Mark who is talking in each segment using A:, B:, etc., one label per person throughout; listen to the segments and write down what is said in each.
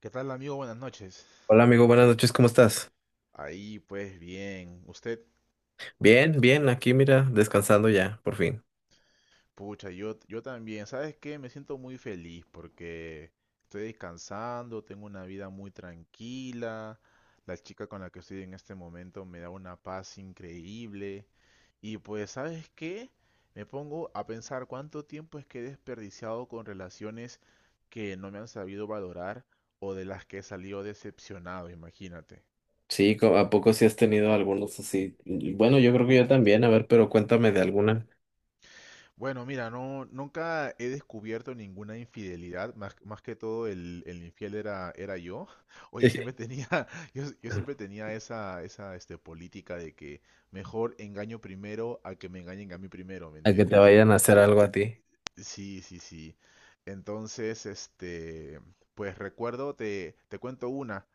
A: ¿Qué tal, amigo? Buenas noches.
B: Hola amigo, buenas noches, ¿cómo estás?
A: Ahí, pues bien. Usted,
B: Bien, bien, aquí mira, descansando ya, por fin.
A: pucha, yo también. ¿Sabes qué? Me siento muy feliz porque estoy descansando, tengo una vida muy tranquila. La chica con la que estoy en este momento me da una paz increíble. Y pues, ¿sabes qué? Me pongo a pensar cuánto tiempo es que he desperdiciado con relaciones que no me han sabido valorar o de las que he salido decepcionado, imagínate.
B: Sí, ¿a poco sí has tenido algunos así? Y bueno, yo creo que yo también, a ver, pero cuéntame de alguna.
A: Bueno, mira, no, nunca he descubierto ninguna infidelidad, más que todo el infiel era yo. O yo siempre tenía, yo siempre tenía esa política de que mejor engaño primero a que me engañen a mí primero, ¿me
B: A que te
A: entiendes?
B: vayan a hacer algo a ti.
A: Sí, sí, sí. Entonces, pues recuerdo, te cuento una.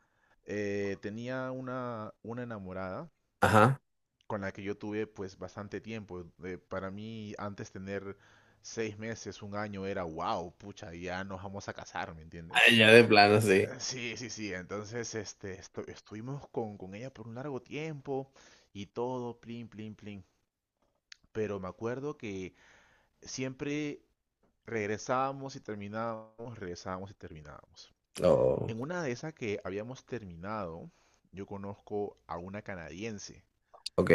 A: Tenía una enamorada
B: Ajá.
A: con la que yo tuve pues bastante tiempo. Para mí antes tener seis meses, un año era wow, pucha, ya nos vamos a casar, ¿me entiendes?
B: Ay, ya de plano, sí.
A: Sí, sí, sí, entonces estuvimos con ella por un largo tiempo y todo, plin, plin, plin. Pero me acuerdo que siempre regresábamos y terminábamos, regresábamos y terminábamos.
B: Oh,
A: En una de esas que habíamos terminado, yo conozco a una canadiense.
B: ok.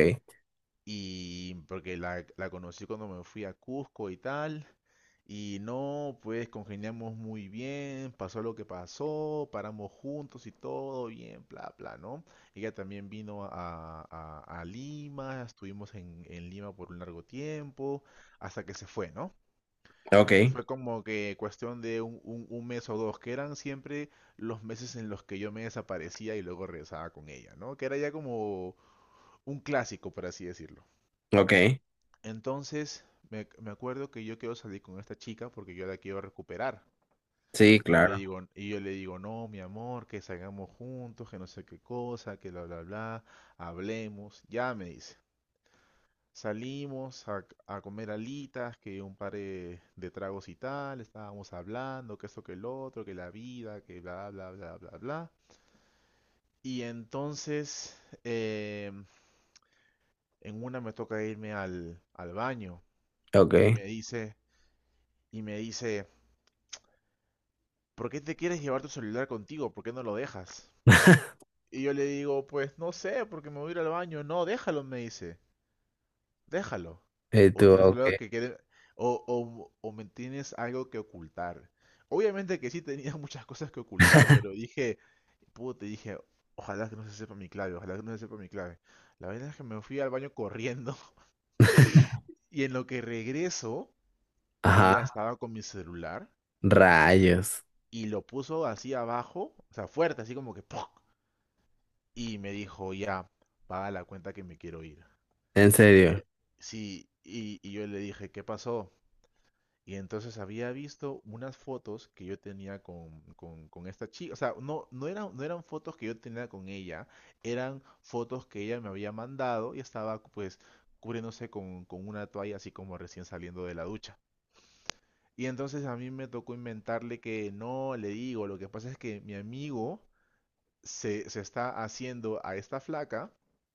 A: Y porque la conocí cuando me fui a Cusco y tal. Y no, pues congeniamos muy bien, pasó lo que pasó, paramos juntos y todo bien, bla, bla, ¿no? Ella también vino a, a Lima, estuvimos en Lima por un largo tiempo, hasta que se fue, ¿no?
B: Ok,
A: Fue como que cuestión de un, un mes o dos, que eran siempre los meses en los que yo me desaparecía y luego regresaba con ella, ¿no? Que era ya como un clásico, por así decirlo.
B: ok.
A: Entonces, me acuerdo que yo quiero salir con esta chica porque yo la quiero recuperar.
B: Sí,
A: Y yo le
B: claro.
A: digo, y yo le digo, no, mi amor, que salgamos juntos, que no sé qué cosa, que bla, bla, bla, hablemos. Ya me dice. Salimos a comer alitas, que un par de tragos y tal, estábamos hablando, que esto, que el otro, que la vida, que bla, bla, bla, bla, bla. Y entonces, em, en una me toca irme al, al baño y
B: Ok.
A: me dice, y me dice, ¿por qué te quieres llevar tu celular contigo? ¿Por qué no lo dejas? Y yo le digo, pues no sé, porque me voy a ir al baño. No, déjalo, me dice. Déjalo.
B: Y
A: O
B: tú,
A: tienes
B: ok.
A: algo que quede- o me tienes algo que ocultar. Obviamente que sí tenía muchas cosas que ocultar, pero dije, te dije, ojalá que no se sepa mi clave, ojalá que no se sepa mi clave. La verdad es que me fui al baño corriendo y en lo que regreso, ella
B: Ajá.
A: estaba con mi celular
B: Rayos.
A: y lo puso así abajo, o sea, fuerte, así como que ¡pum! Y me dijo, ya, paga la cuenta que me quiero ir.
B: En
A: Y yo-
B: serio.
A: sí, y yo le dije, ¿qué pasó? Y entonces había visto unas fotos que yo tenía con esta chica. O sea, no eran, no eran fotos que yo tenía con ella, eran fotos que ella me había mandado y estaba pues cubriéndose con una toalla así como recién saliendo de la ducha. Y entonces a mí me tocó inventarle que no, le digo, lo que pasa es que mi amigo se está haciendo a esta flaca.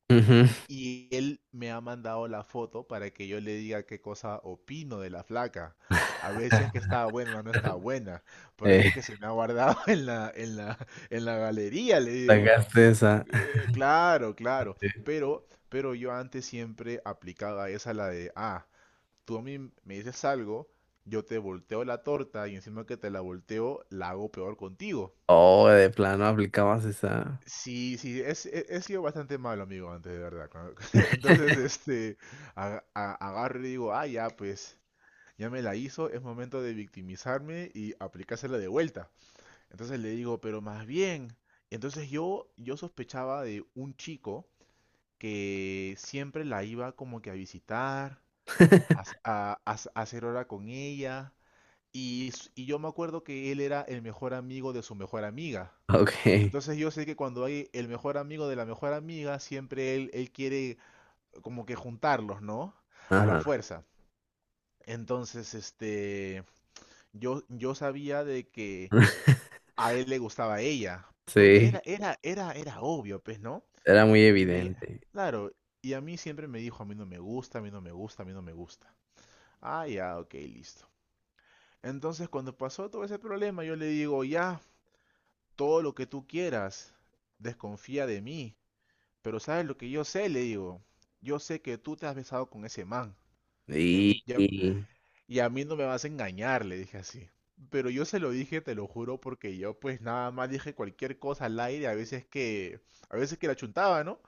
B: Ujú.
A: Y él me ha mandado la foto para que yo le diga qué cosa opino de la flaca. A ver si es que estaba buena o no estaba buena. Por eso
B: Eh,
A: es que se me ha guardado en en la galería, le digo.
B: sacaste esa.
A: Claro, claro. Pero yo antes siempre aplicaba esa la de, ah, tú a mí me dices algo, yo te volteo la torta y encima que te la volteo, la hago peor contigo.
B: Oh, de plano aplicabas esa.
A: Sí, sí, he, he sido bastante malo, amigo, antes de verdad. ¿No? Entonces, agarro y digo, ah, ya, pues, ya me la hizo, es momento de victimizarme y aplicársela de vuelta. Entonces le digo, pero más bien, entonces yo sospechaba de un chico que siempre la iba como que a visitar, a, a hacer hora con ella, y yo me acuerdo que él era el mejor amigo de su mejor amiga.
B: Ok,
A: Entonces yo sé que cuando hay el mejor amigo de la mejor amiga, siempre él quiere como que juntarlos, ¿no? A la
B: ajá.
A: fuerza. Entonces, yo sabía de que a él le gustaba a ella, porque
B: Sí,
A: era obvio, pues, ¿no?
B: era muy
A: Y a mí me,
B: evidente.
A: claro, y a mí siempre me dijo, a mí no me gusta, a mí no me gusta, a mí no me gusta. Ah, ya, ok, listo. Entonces, cuando pasó todo ese problema, yo le digo, ya, todo lo que tú quieras, desconfía de mí. Pero ¿sabes lo que yo sé? Le digo, yo sé que tú te has besado con ese man. Y a
B: Y,
A: mí, y a-
B: y-
A: y a mí no me vas a engañar, le dije así. Pero yo se lo dije, te lo juro, porque yo pues nada más dije cualquier cosa al aire, a veces que la chuntaba, ¿no?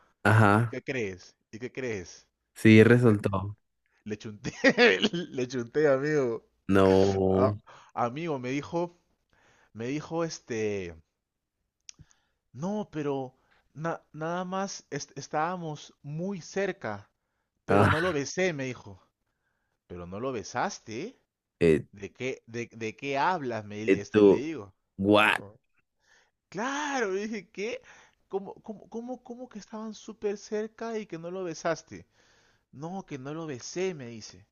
A: ¿Y
B: ajá,
A: qué crees? ¿Y qué crees?
B: sí resultó.
A: Le chunté, le chunté, amigo.
B: No,
A: A- amigo, me dijo no, pero nada más estábamos muy cerca, pero no
B: ah,
A: lo besé, me dijo. Pero no lo besaste.
B: eh,
A: ¿De qué, de qué hablas? Me, le
B: tú,
A: digo.
B: what?
A: Digo, claro, le dije, ¿qué? Cómo que estaban súper cerca y que no lo besaste? No, que no lo besé, me dice.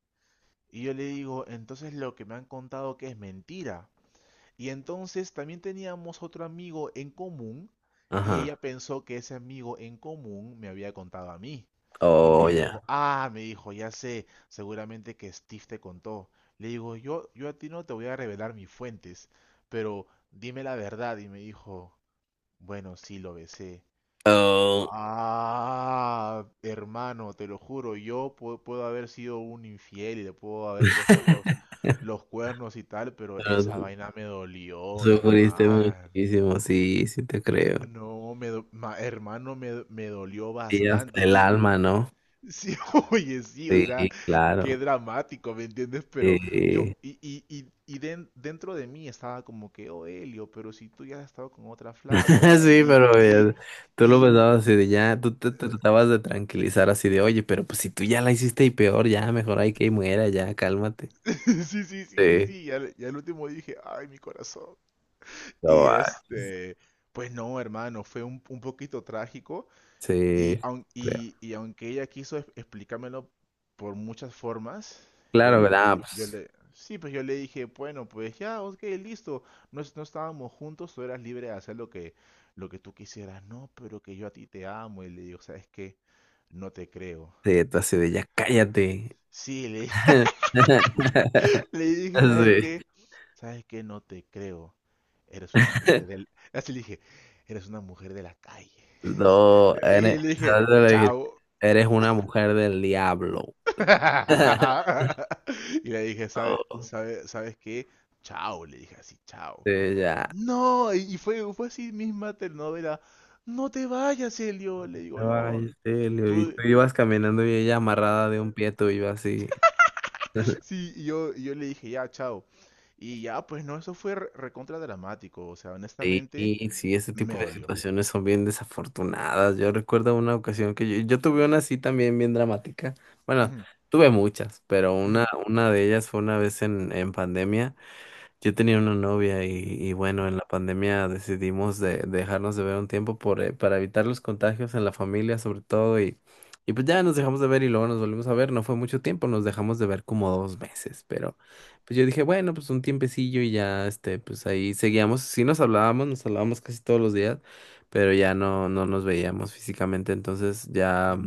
A: Y yo le digo, entonces lo que me han contado que es mentira. Y entonces también teníamos otro amigo en común y
B: Ajá,
A: ella pensó que ese amigo en común me había contado a mí. Y me
B: oh, ya.
A: dijo, ah, me dijo, ya sé, seguramente que Steve te contó. Le digo, yo a ti no te voy a revelar mis fuentes, pero dime la verdad. Y me dijo, bueno, sí, lo besé.
B: Oh,
A: Ah, hermano, te lo juro, puedo haber sido un infiel y le puedo haber puesto los cuernos y tal, pero
B: pero
A: esa vaina me dolió,
B: sufriste
A: hermano.
B: muchísimo, sí, sí te creo.
A: No, hermano, me dolió
B: Y hasta
A: bastante.
B: el
A: Y
B: alma, ¿no?
A: sí, oye, sí, o
B: Sí,
A: sea,
B: claro.
A: qué dramático, ¿me entiendes? Pero
B: Sí.
A: yo, dentro de mí estaba como que, oh, Elio, pero si tú ya has estado con otra flaca,
B: Sí, pero tú lo
A: y,
B: pensabas así de ya, tú te tratabas de tranquilizar así de, oye, pero pues si tú ya la hiciste y peor, ya mejor hay que muera, ya, cálmate.
A: sí, sí, sí, sí,
B: Sí,
A: sí. Y al último dije, ay, mi corazón.
B: no
A: Y
B: va.
A: pues no, hermano, fue un poquito trágico. Y,
B: Sí,
A: aun-
B: creo.
A: y, y aunque ella quiso explicármelo por muchas formas,
B: Claro, ¿verdad? Pues
A: sí, pues yo le dije, bueno, pues ya, ok, listo. No, no estábamos juntos, tú eras libre de hacer lo que tú quisieras. No, pero que yo a ti te amo. Y le digo, ¿sabes qué? No te creo.
B: sí, tú así de ya, cállate.
A: Sí, le... Le dije, ¿sabes
B: Sí.
A: qué? ¿Sabes qué? No te creo. Eres una mujer del... Así le dije, eres una mujer de la calle.
B: No,
A: Y
B: eres,
A: le
B: no
A: dije,
B: te lo dije,
A: chao.
B: eres una mujer del diablo.
A: Y le dije, ¿sabe,
B: No,
A: sabes sabes sabes qué? Chao, le dije así, chao.
B: sí, ya.
A: No, y fue, fue así misma telenovela. No te vayas, Elio. Le digo, no,
B: Ay, sí, Leo, y
A: tú...
B: tú ibas caminando y ella amarrada de un pie, tú ibas así.
A: Sí, y yo le dije, ya, chao. Y ya, pues no, eso fue recontra dramático. O sea,
B: Sí,
A: honestamente,
B: sí, ese
A: me
B: tipo de
A: dolió.
B: situaciones son bien desafortunadas. Yo recuerdo una ocasión que yo tuve una así también bien dramática. Bueno,
A: Ujú,
B: tuve muchas, pero una,
A: ujú.
B: una de ellas fue una vez en pandemia. Yo tenía una novia y, bueno, en la pandemia decidimos dejarnos de ver un tiempo para evitar los contagios en la familia sobre todo y pues ya nos dejamos de ver y luego nos volvimos a ver, no fue mucho tiempo, nos dejamos de ver como 2 meses, pero pues yo dije, bueno, pues un tiempecillo y ya, este, pues ahí seguíamos, sí nos hablábamos casi todos los días, pero ya no, no nos veíamos físicamente, entonces ya
A: Ujú,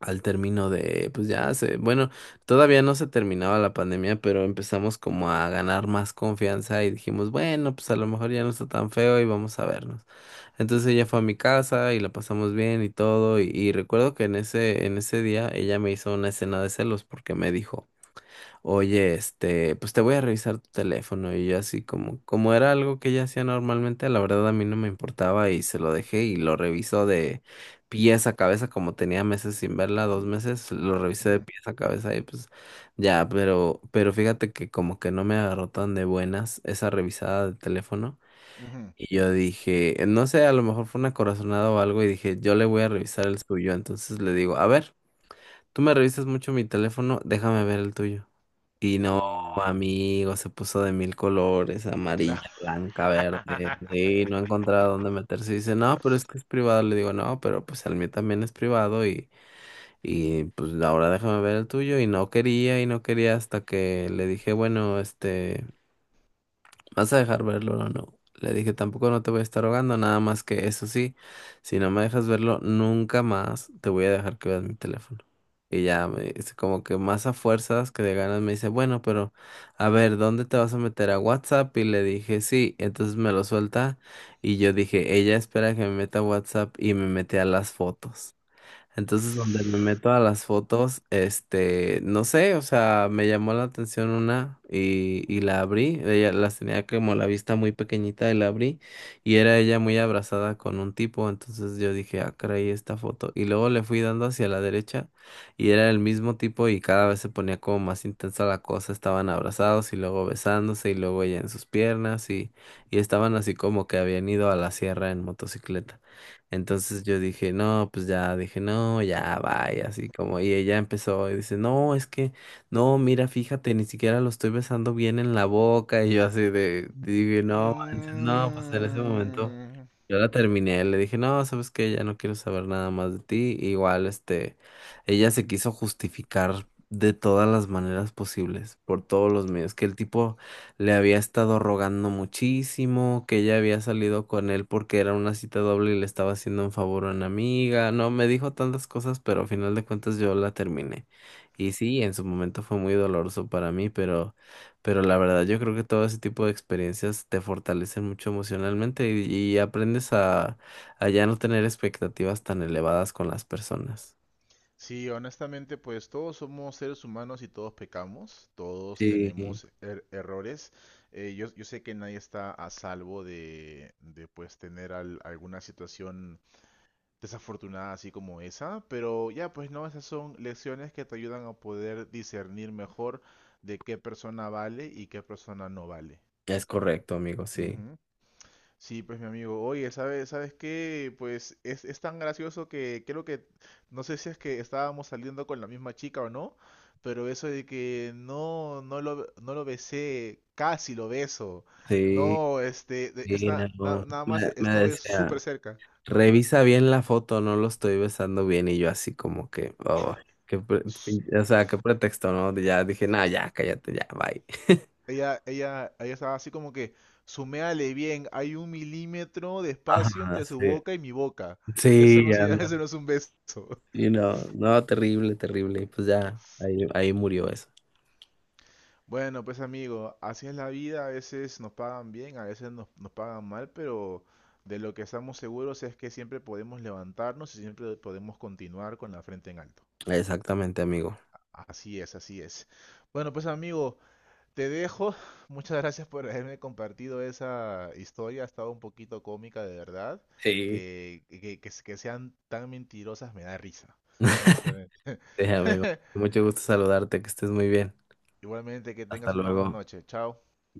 B: al término de, pues ya se, bueno, todavía no se terminaba la pandemia, pero empezamos como a ganar más confianza y dijimos, bueno, pues a lo mejor ya no está tan feo y vamos a vernos. Entonces ella fue a mi casa y la pasamos bien y todo, y recuerdo que en ese día ella me hizo una escena de celos porque me dijo, oye, este, pues te voy a revisar tu teléfono y yo así como era algo que ella hacía normalmente, la verdad a mí no me importaba y se lo dejé y lo revisó de pies a cabeza, como tenía meses sin verla, 2 meses, lo revisé de
A: ujú,
B: pies a cabeza y pues ya, pero fíjate que como que no me agarró tan de buenas esa revisada de teléfono
A: ujú.
B: y yo dije, no sé, a lo mejor fue una corazonada o algo y dije, yo le voy a revisar el suyo, entonces le digo, a ver, tú me revisas mucho mi teléfono, déjame ver el tuyo. Y no,
A: Uh,
B: amigo, se puso de mil colores, amarilla,
A: claro.
B: blanca, verde, y no encontraba dónde meterse. Y dice, no, pero es que es privado. Le digo, no, pero pues el mío también es privado y, pues ahora déjame ver el tuyo. Y no quería hasta que le dije, bueno, este... ¿Vas a dejar verlo o no? Le dije, tampoco no te voy a estar rogando, nada más que eso sí, si no me dejas verlo, nunca más te voy a dejar que veas mi teléfono. Y ya me dice, como que más a fuerzas que de ganas me dice, bueno, pero a ver, ¿dónde te vas a meter a WhatsApp? Y le dije, sí, entonces me lo suelta. Y yo dije, ella espera que me meta a WhatsApp y me mete a las fotos. Entonces, donde me meto a las fotos, este, no sé, o sea, me llamó la atención una y, la abrí. Ella las tenía como la vista muy pequeñita y la abrí y era ella muy abrazada con un tipo. Entonces yo dije, ah, caray, esta foto. Y luego le fui dando hacia la derecha y era el mismo tipo y cada vez se ponía como más intensa la cosa. Estaban abrazados y luego besándose y luego ella en sus piernas y estaban así como que habían ido a la sierra en motocicleta. Entonces yo dije, no, pues ya, dije, no, ya, vaya, así como, y ella empezó y dice, no, es que, no, mira, fíjate, ni siquiera lo estoy besando bien en la boca, y yo así de, dije, no, manches, no, pues en ese momento.
A: Mm,
B: Yo la terminé, le dije, no, sabes qué, ya no quiero saber nada más de ti. Igual, este, ella se quiso justificar de todas las maneras posibles, por todos los medios, que el tipo le había estado rogando muchísimo, que ella había salido con él porque era una cita doble y le estaba haciendo un favor a una amiga. No, me dijo tantas cosas, pero al final de cuentas yo la terminé. Y sí, en su momento fue muy doloroso para mí, pero... Pero la verdad, yo creo que todo ese tipo de experiencias te fortalecen mucho emocionalmente y, aprendes a ya no tener expectativas tan elevadas con las personas.
A: sí, honestamente, pues todos somos seres humanos y todos pecamos, todos
B: Sí,
A: tenemos errores. Yo sé que nadie está a salvo de pues tener alguna situación desafortunada así como esa, pero ya pues no, esas son lecciones que te ayudan a poder discernir mejor de qué persona vale y qué persona no vale.
B: es correcto, amigo, sí.
A: Ujú. Sí, pues mi amigo, oye, sabes qué? Pues es tan gracioso que creo que, no sé si es que estábamos saliendo con la misma chica o no, pero eso de que no lo besé, casi lo beso,
B: Sí,
A: no,
B: sí, no.
A: nada más
B: Me
A: estuve
B: decía,
A: súper cerca, ¿no?
B: revisa bien la foto, no lo estoy besando bien. Y yo así como que, oh, qué pre-
A: S-
B: o sea, qué pretexto, ¿no? Ya dije, no, ya, cállate, ya, bye.
A: Ella estaba así como que, suméale bien, hay un milímetro de
B: Ajá,
A: espacio entre su
B: sí.
A: boca y mi boca, eso
B: Sí,
A: no, se- eso no es un beso.
B: y no, no, terrible, terrible. Pues ya, ahí murió eso.
A: Bueno, pues amigo, así es la vida, a veces nos pagan bien, a veces nos pagan mal, pero de lo que estamos seguros es que siempre podemos levantarnos y siempre podemos continuar con la frente en alto.
B: Exactamente, amigo.
A: Así es, así es. Bueno, pues amigo, te dejo. Muchas gracias por haberme compartido esa historia, ha estado un poquito cómica de verdad.
B: Sí.
A: Que sean tan mentirosas me da risa, honestamente.
B: Sí, amigo. Mucho gusto saludarte, que estés muy bien.
A: Igualmente, que
B: Hasta
A: tengas una buena
B: luego.
A: noche. Chao.